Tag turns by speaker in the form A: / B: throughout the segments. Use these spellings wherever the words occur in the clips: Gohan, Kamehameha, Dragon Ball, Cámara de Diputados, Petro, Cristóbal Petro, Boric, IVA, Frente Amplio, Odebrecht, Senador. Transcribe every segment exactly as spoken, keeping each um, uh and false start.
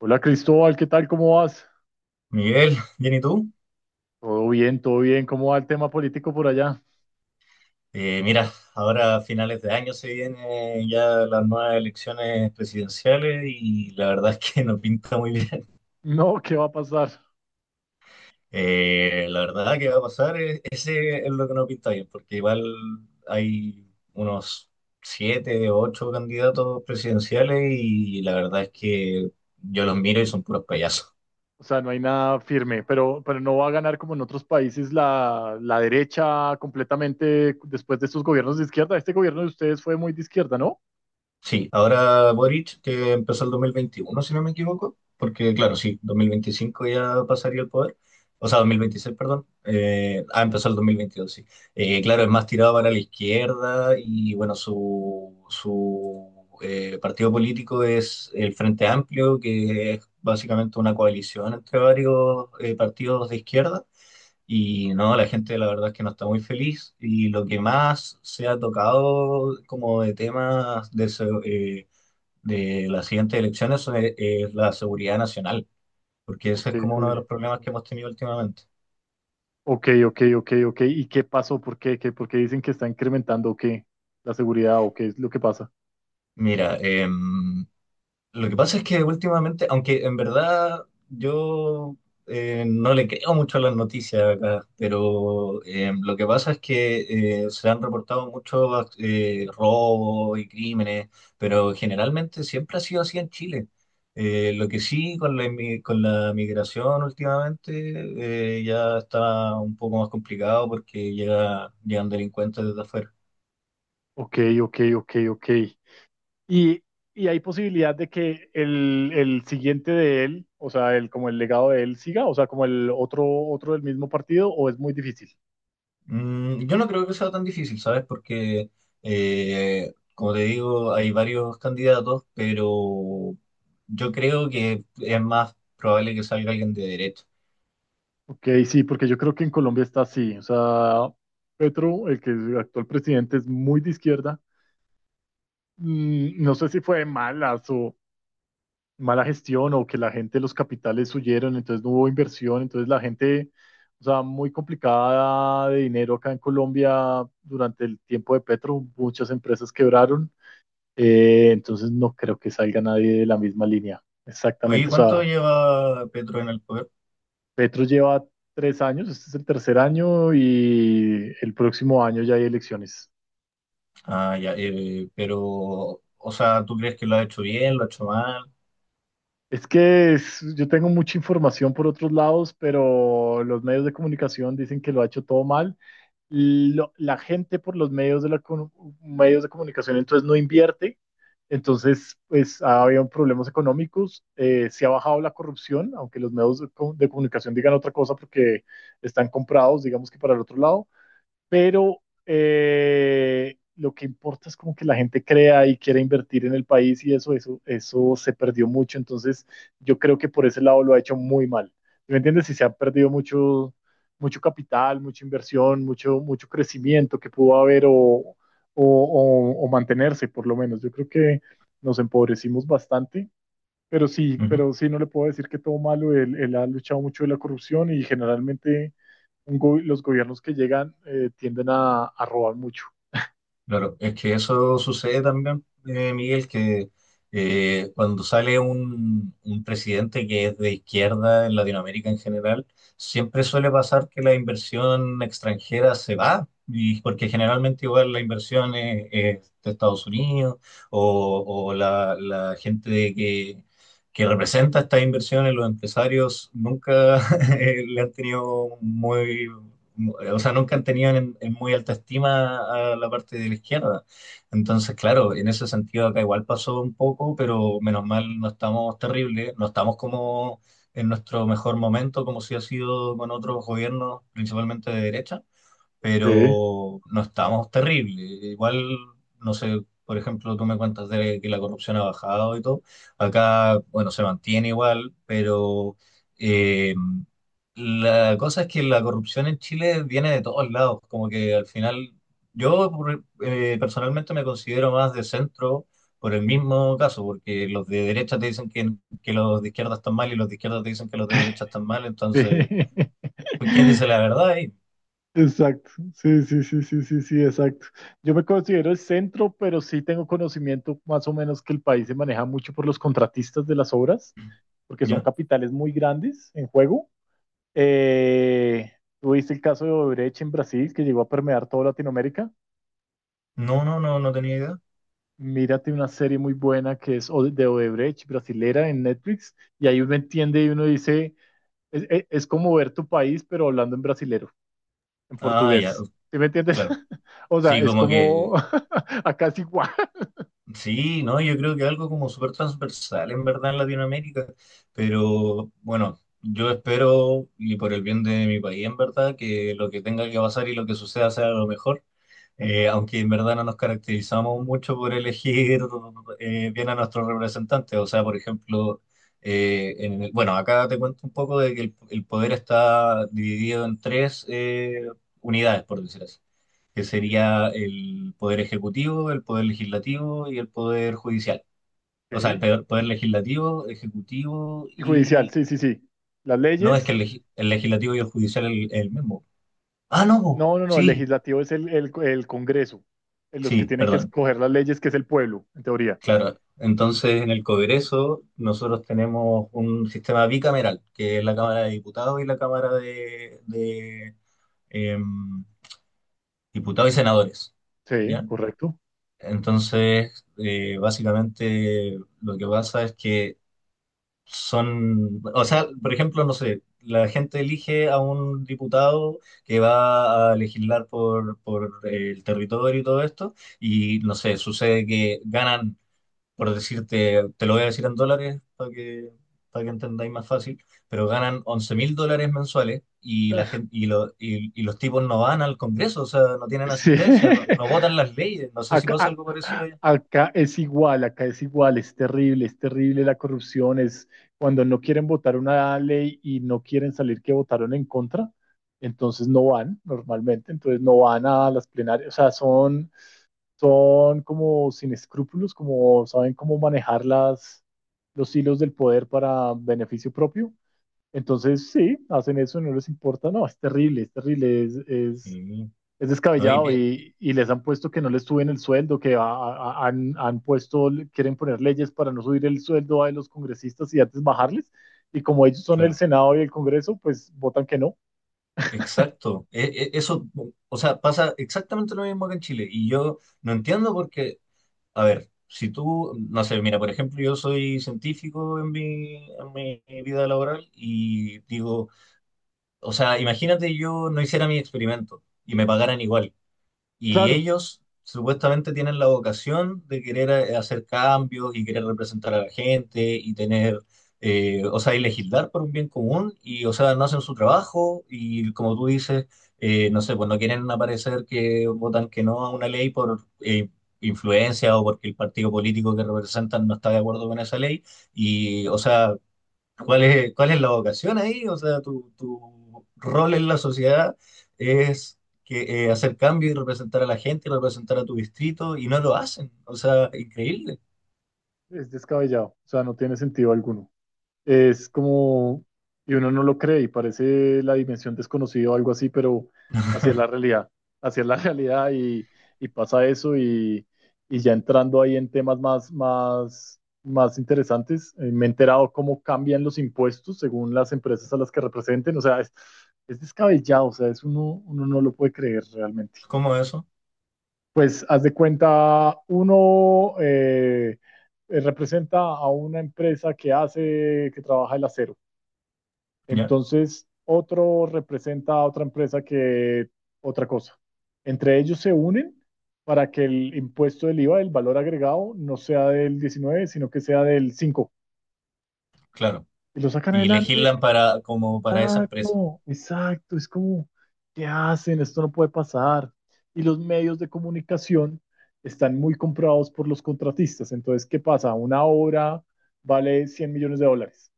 A: Hola Cristóbal, ¿qué tal? ¿Cómo vas?
B: Miguel, bien, ¿y tú?
A: Todo bien, todo bien. ¿Cómo va el tema político por allá?
B: Eh, mira, ahora a finales de año se vienen ya las nuevas elecciones presidenciales y la verdad es que no pinta muy bien.
A: No, ¿qué va a pasar?
B: Eh, la verdad que va a pasar, eh, ese es lo que no pinta bien, porque igual hay unos siete o ocho candidatos presidenciales y la verdad es que yo los miro y son puros payasos.
A: O sea, no hay nada firme, pero, pero no va a ganar como en otros países la, la derecha completamente después de estos gobiernos de izquierda. Este gobierno de ustedes fue muy de izquierda, ¿no?
B: Sí, ahora Boric, que empezó el dos mil veintiuno, si no me equivoco, porque claro, sí, dos mil veinticinco ya pasaría el poder, o sea, dos mil veintiséis, perdón, eh, ah, empezó el dos mil veintidós, sí. Eh, claro, es más tirado para la izquierda y bueno, su, su eh, partido político es el Frente Amplio, que es básicamente una coalición entre varios eh, partidos de izquierda. Y no, la gente la verdad es que no está muy feliz y lo que más se ha tocado como de temas de, se- eh, de las siguientes elecciones es, es la seguridad nacional, porque ese
A: Ok,
B: es como
A: ok,
B: uno de los problemas que hemos tenido últimamente.
A: ok, ok, ok. Ok. ¿Y qué pasó? ¿Por qué? ¿Qué? ¿Por qué dicen que está incrementando o qué? ¿La seguridad o qué es lo que pasa?
B: Mira, eh, Lo que pasa es que últimamente, aunque en verdad yo eh, no le creo mucho a las noticias acá, pero eh, lo que pasa es que eh, se han reportado muchos eh, robos y crímenes, pero generalmente siempre ha sido así en Chile. Eh, lo que sí con la, inmi- con la migración últimamente eh, ya está un poco más complicado porque llega, llegan delincuentes desde afuera.
A: Ok, ok, ok, ok. Y, y hay posibilidad de que el, el siguiente de él, o sea, el, como el legado de él siga, o sea, como el otro, otro del mismo partido, o es muy difícil.
B: Mm, yo no creo que sea tan difícil, ¿sabes? Porque, eh, como te digo, hay varios candidatos, pero yo creo que es más probable que salga alguien de derecha.
A: Ok, sí, porque yo creo que en Colombia está así. O sea, Petro, el que es el actual presidente, es muy de izquierda. Mm, No sé si fue mala su mala gestión o que la gente, los capitales huyeron, entonces no hubo inversión, entonces la gente, o sea, muy complicada de dinero acá en Colombia durante el tiempo de Petro, muchas empresas quebraron. Eh, entonces no creo que salga nadie de la misma línea.
B: Oye,
A: Exactamente. O
B: ¿cuánto
A: sea,
B: lleva Petro en el poder?
A: Petro lleva tres años, este es el tercer año y el próximo año ya hay elecciones.
B: Ah, ya, eh, pero, o sea, ¿tú crees que lo ha hecho bien, lo ha hecho mal?
A: Es que es- yo tengo mucha información por otros lados, pero los medios de comunicación dicen que lo ha hecho todo mal. Lo- la gente por los medios de, la, comu- medios de comunicación entonces no invierte, entonces pues ha habido problemas económicos. Eh, se ha bajado la corrupción, aunque los medios de, co- de comunicación digan otra cosa porque están comprados, digamos que para el otro lado, pero eh, lo que importa es como que la gente crea y quiera invertir en el país, y eso, eso, eso se perdió mucho. Entonces, yo creo que por ese lado lo ha hecho muy mal. ¿Sí? ¿Me entiendes? Si se ha perdido mucho, mucho capital, mucha inversión, mucho, mucho crecimiento que pudo haber o, o, o- o mantenerse, por lo menos. Yo creo que nos empobrecimos bastante, pero sí, pero sí, no le puedo decir que todo malo. Él, él ha luchado mucho de la corrupción, y generalmente un go- los gobiernos que llegan eh, tienden a, a robar mucho.
B: Claro, es que eso sucede también, eh, Miguel, que eh, cuando sale un, un presidente que es de izquierda en Latinoamérica en general, siempre suele pasar que la inversión extranjera se va, y porque generalmente igual la inversión es, es de Estados Unidos o, o la, la gente de que, que representa estas inversiones, los empresarios, nunca eh, le han tenido muy o sea, nunca tenían en, en muy alta estima a la parte de la izquierda. Entonces, claro, en ese sentido acá igual pasó un poco, pero menos mal no estamos terribles, no estamos como en nuestro mejor momento, como si ha sido con otros gobiernos, principalmente de derecha,
A: Sí,
B: pero no estamos terrible. Igual, no sé, por ejemplo, tú me cuentas de que la corrupción ha bajado y todo. Acá, bueno, se mantiene igual, pero eh, la cosa es que la corrupción en Chile viene de todos lados. Como que al final, yo por- eh, personalmente me considero más de centro. Por el mismo caso, porque los de derecha te dicen que, que, los de izquierda están mal y los de izquierda te dicen que los de derecha están mal, entonces,
A: sí.
B: ¿quién dice la verdad ahí?
A: Exacto. Sí, sí, sí, sí, sí, sí, exacto. Yo me considero el centro, pero sí tengo conocimiento más o menos que el país se maneja mucho por los contratistas de las obras, porque son
B: ¿Ya?
A: capitales muy grandes en juego. Eh, tuviste el caso de Odebrecht en Brasil, que llegó a permear toda Latinoamérica.
B: No, no, no, no tenía idea.
A: Mírate una serie muy buena que es Ode- de Odebrecht, brasilera, en Netflix, y ahí uno entiende y uno dice, es, es- es como ver tu país, pero hablando en brasilero, en
B: Ah, ya,
A: portugués.
B: uh,
A: ¿Sí me entiendes?
B: claro.
A: O sea,
B: Sí,
A: es
B: como
A: como,
B: que,
A: acá es igual.
B: sí, no, yo creo que algo como súper transversal en verdad en Latinoamérica, pero bueno, yo espero y por el bien de mi país en verdad que lo que tenga que pasar y lo que suceda sea lo mejor, eh, aunque en verdad no nos caracterizamos mucho por elegir eh, bien a nuestros representantes, o sea, por ejemplo, eh, en el- bueno, acá te cuento un poco de que el, el poder está dividido en tres eh, unidades, por decir así, que
A: Ok,
B: sería el poder ejecutivo, el poder legislativo y el poder judicial. O sea, el
A: ok.
B: poder, poder legislativo, ejecutivo
A: Y judicial,
B: y...
A: sí, sí, sí. Las
B: No, es que
A: leyes,
B: el, legi- el legislativo y el judicial es el, el mismo. Ah, no,
A: no, no, no, el
B: sí,
A: legislativo es el, el, el Congreso, en los que
B: sí,
A: tienen que
B: perdón.
A: escoger las leyes, que es el pueblo, en teoría.
B: Claro. Entonces, en el Congreso nosotros tenemos un sistema bicameral, que es la Cámara de Diputados y la Cámara de, de, em, Diputados y Senadores.
A: Sí,
B: ¿Ya?
A: correcto.
B: Entonces, eh, básicamente lo que pasa es que son, o sea, por ejemplo, no sé, la gente elige a un diputado que va a legislar por, por el territorio y todo esto, y no sé, sucede que ganan, por decirte, te lo voy a decir en dólares para que, para que entendáis más fácil, pero ganan once mil dólares mensuales y, la gente, y, lo- y- y los tipos no van al Congreso, o sea, no tienen
A: Sí,
B: asistencia, no, no votan las leyes, no sé si
A: Acá,
B: pasa algo parecido
A: a-
B: allá.
A: acá es igual, acá es igual, es terrible, es terrible la corrupción, es cuando no quieren votar una ley y no quieren salir que votaron en contra, entonces no van normalmente, entonces no van a las plenarias, o sea, son, son como sin escrúpulos, como saben cómo manejar las, los hilos del poder para beneficio propio, entonces sí, hacen eso, no les importa, no, es terrible, es terrible, es, es
B: Sí,
A: es
B: no, y
A: descabellado,
B: pi-
A: y, y, les han puesto que no les suben el sueldo, que a, a, han, han, puesto, quieren poner leyes para no subir el sueldo a los congresistas y antes bajarles. Y como ellos son el
B: claro.
A: Senado y el Congreso, pues votan que no.
B: Exacto. E- e- eso, o sea, pasa exactamente lo mismo que en Chile y yo no entiendo porque, a ver, si tú, no sé, mira, por ejemplo, yo soy científico en mi, en mi, vida laboral y digo, o sea, imagínate yo no hiciera mi experimento y me pagaran igual. Y
A: Claro,
B: ellos supuestamente tienen la vocación de querer eh, hacer cambios y querer representar a la gente y tener, eh, o sea, y legislar por un bien común y, o sea, no hacen su trabajo y como tú dices, eh, no sé, pues no quieren aparecer que votan que no a una ley por eh, influencia o porque el partido político que representan no está de acuerdo con esa ley y o sea ¿Cuál es, cuál es la vocación ahí? O sea, tu, tu rol en la sociedad es que, eh, hacer cambio y representar a la gente, representar a tu distrito, y no lo hacen. O sea, increíble.
A: es descabellado, o sea, no tiene sentido alguno. Es como, y uno no lo cree y parece la dimensión desconocida o algo así, pero así es la realidad, así es la realidad, y, y, pasa eso, y, y ya entrando ahí en temas más, más, más interesantes, eh, me he enterado cómo cambian los impuestos según las empresas a las que representen, o sea, es, es descabellado, o sea, es uno, uno no lo puede creer realmente.
B: ¿Cómo es eso?
A: Pues haz de cuenta, uno eh, eh, representa a una empresa que hace, que trabaja el acero.
B: Ya,
A: Entonces, otro representa a otra empresa que otra cosa. Entre ellos se unen para que el impuesto del IVA, el valor agregado, no sea del diecinueve, sino que sea del cinco.
B: claro.
A: Y lo sacan
B: Y
A: adelante.
B: legislan para, como para esa empresa,
A: Exacto, exacto. Es como, ¿qué hacen? Esto no puede pasar. Y los medios de comunicación están muy comprados por los contratistas. Entonces, ¿qué pasa? Una obra vale cien millones de dólares.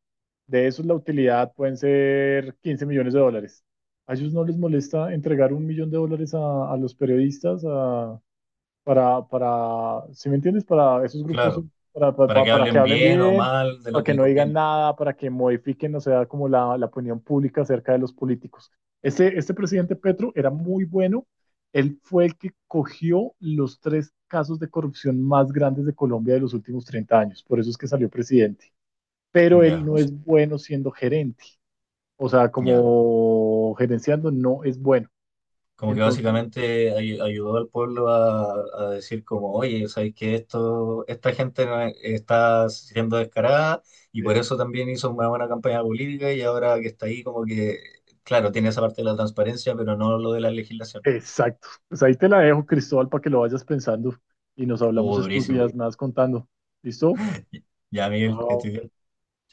A: De esos, la utilidad pueden ser quince millones de dólares. ¿A ellos no les molesta entregar un millón de dólares a, a los periodistas a- para, para, ¿sí me entiendes? Para esos grupos,
B: claro.
A: para, para,
B: Para
A: para-
B: que
A: para que
B: hablen
A: hablen
B: bien o
A: bien,
B: mal de
A: para
B: lo que
A: que
B: le
A: no digan
B: conviene.
A: nada, para que modifiquen, o sea, como la, la opinión pública acerca de los políticos. Este, este presidente Petro era muy bueno. Él fue el que cogió los tres casos de corrupción más grandes de Colombia de los últimos treinta años. Por eso es que salió presidente, pero él
B: Ya, o
A: no
B: sea,
A: es bueno siendo gerente. O sea,
B: ya.
A: como gerenciando no es bueno.
B: Como que
A: Entonces,
B: básicamente ay- ayudó al pueblo a, a, decir como, oye, sabéis que esto, esta gente no es- está siendo descarada y por
A: eh,
B: eso también hizo una buena campaña política y ahora que está ahí como que, claro, tiene esa parte de la transparencia, pero no lo de la legislación.
A: exacto. Pues ahí te la dejo, Cristóbal, para que lo vayas pensando y nos
B: Oh,
A: hablamos estos
B: durísimo.
A: días más contando. ¿Listo?
B: Ya, Miguel, que estoy
A: Chao.
B: bien.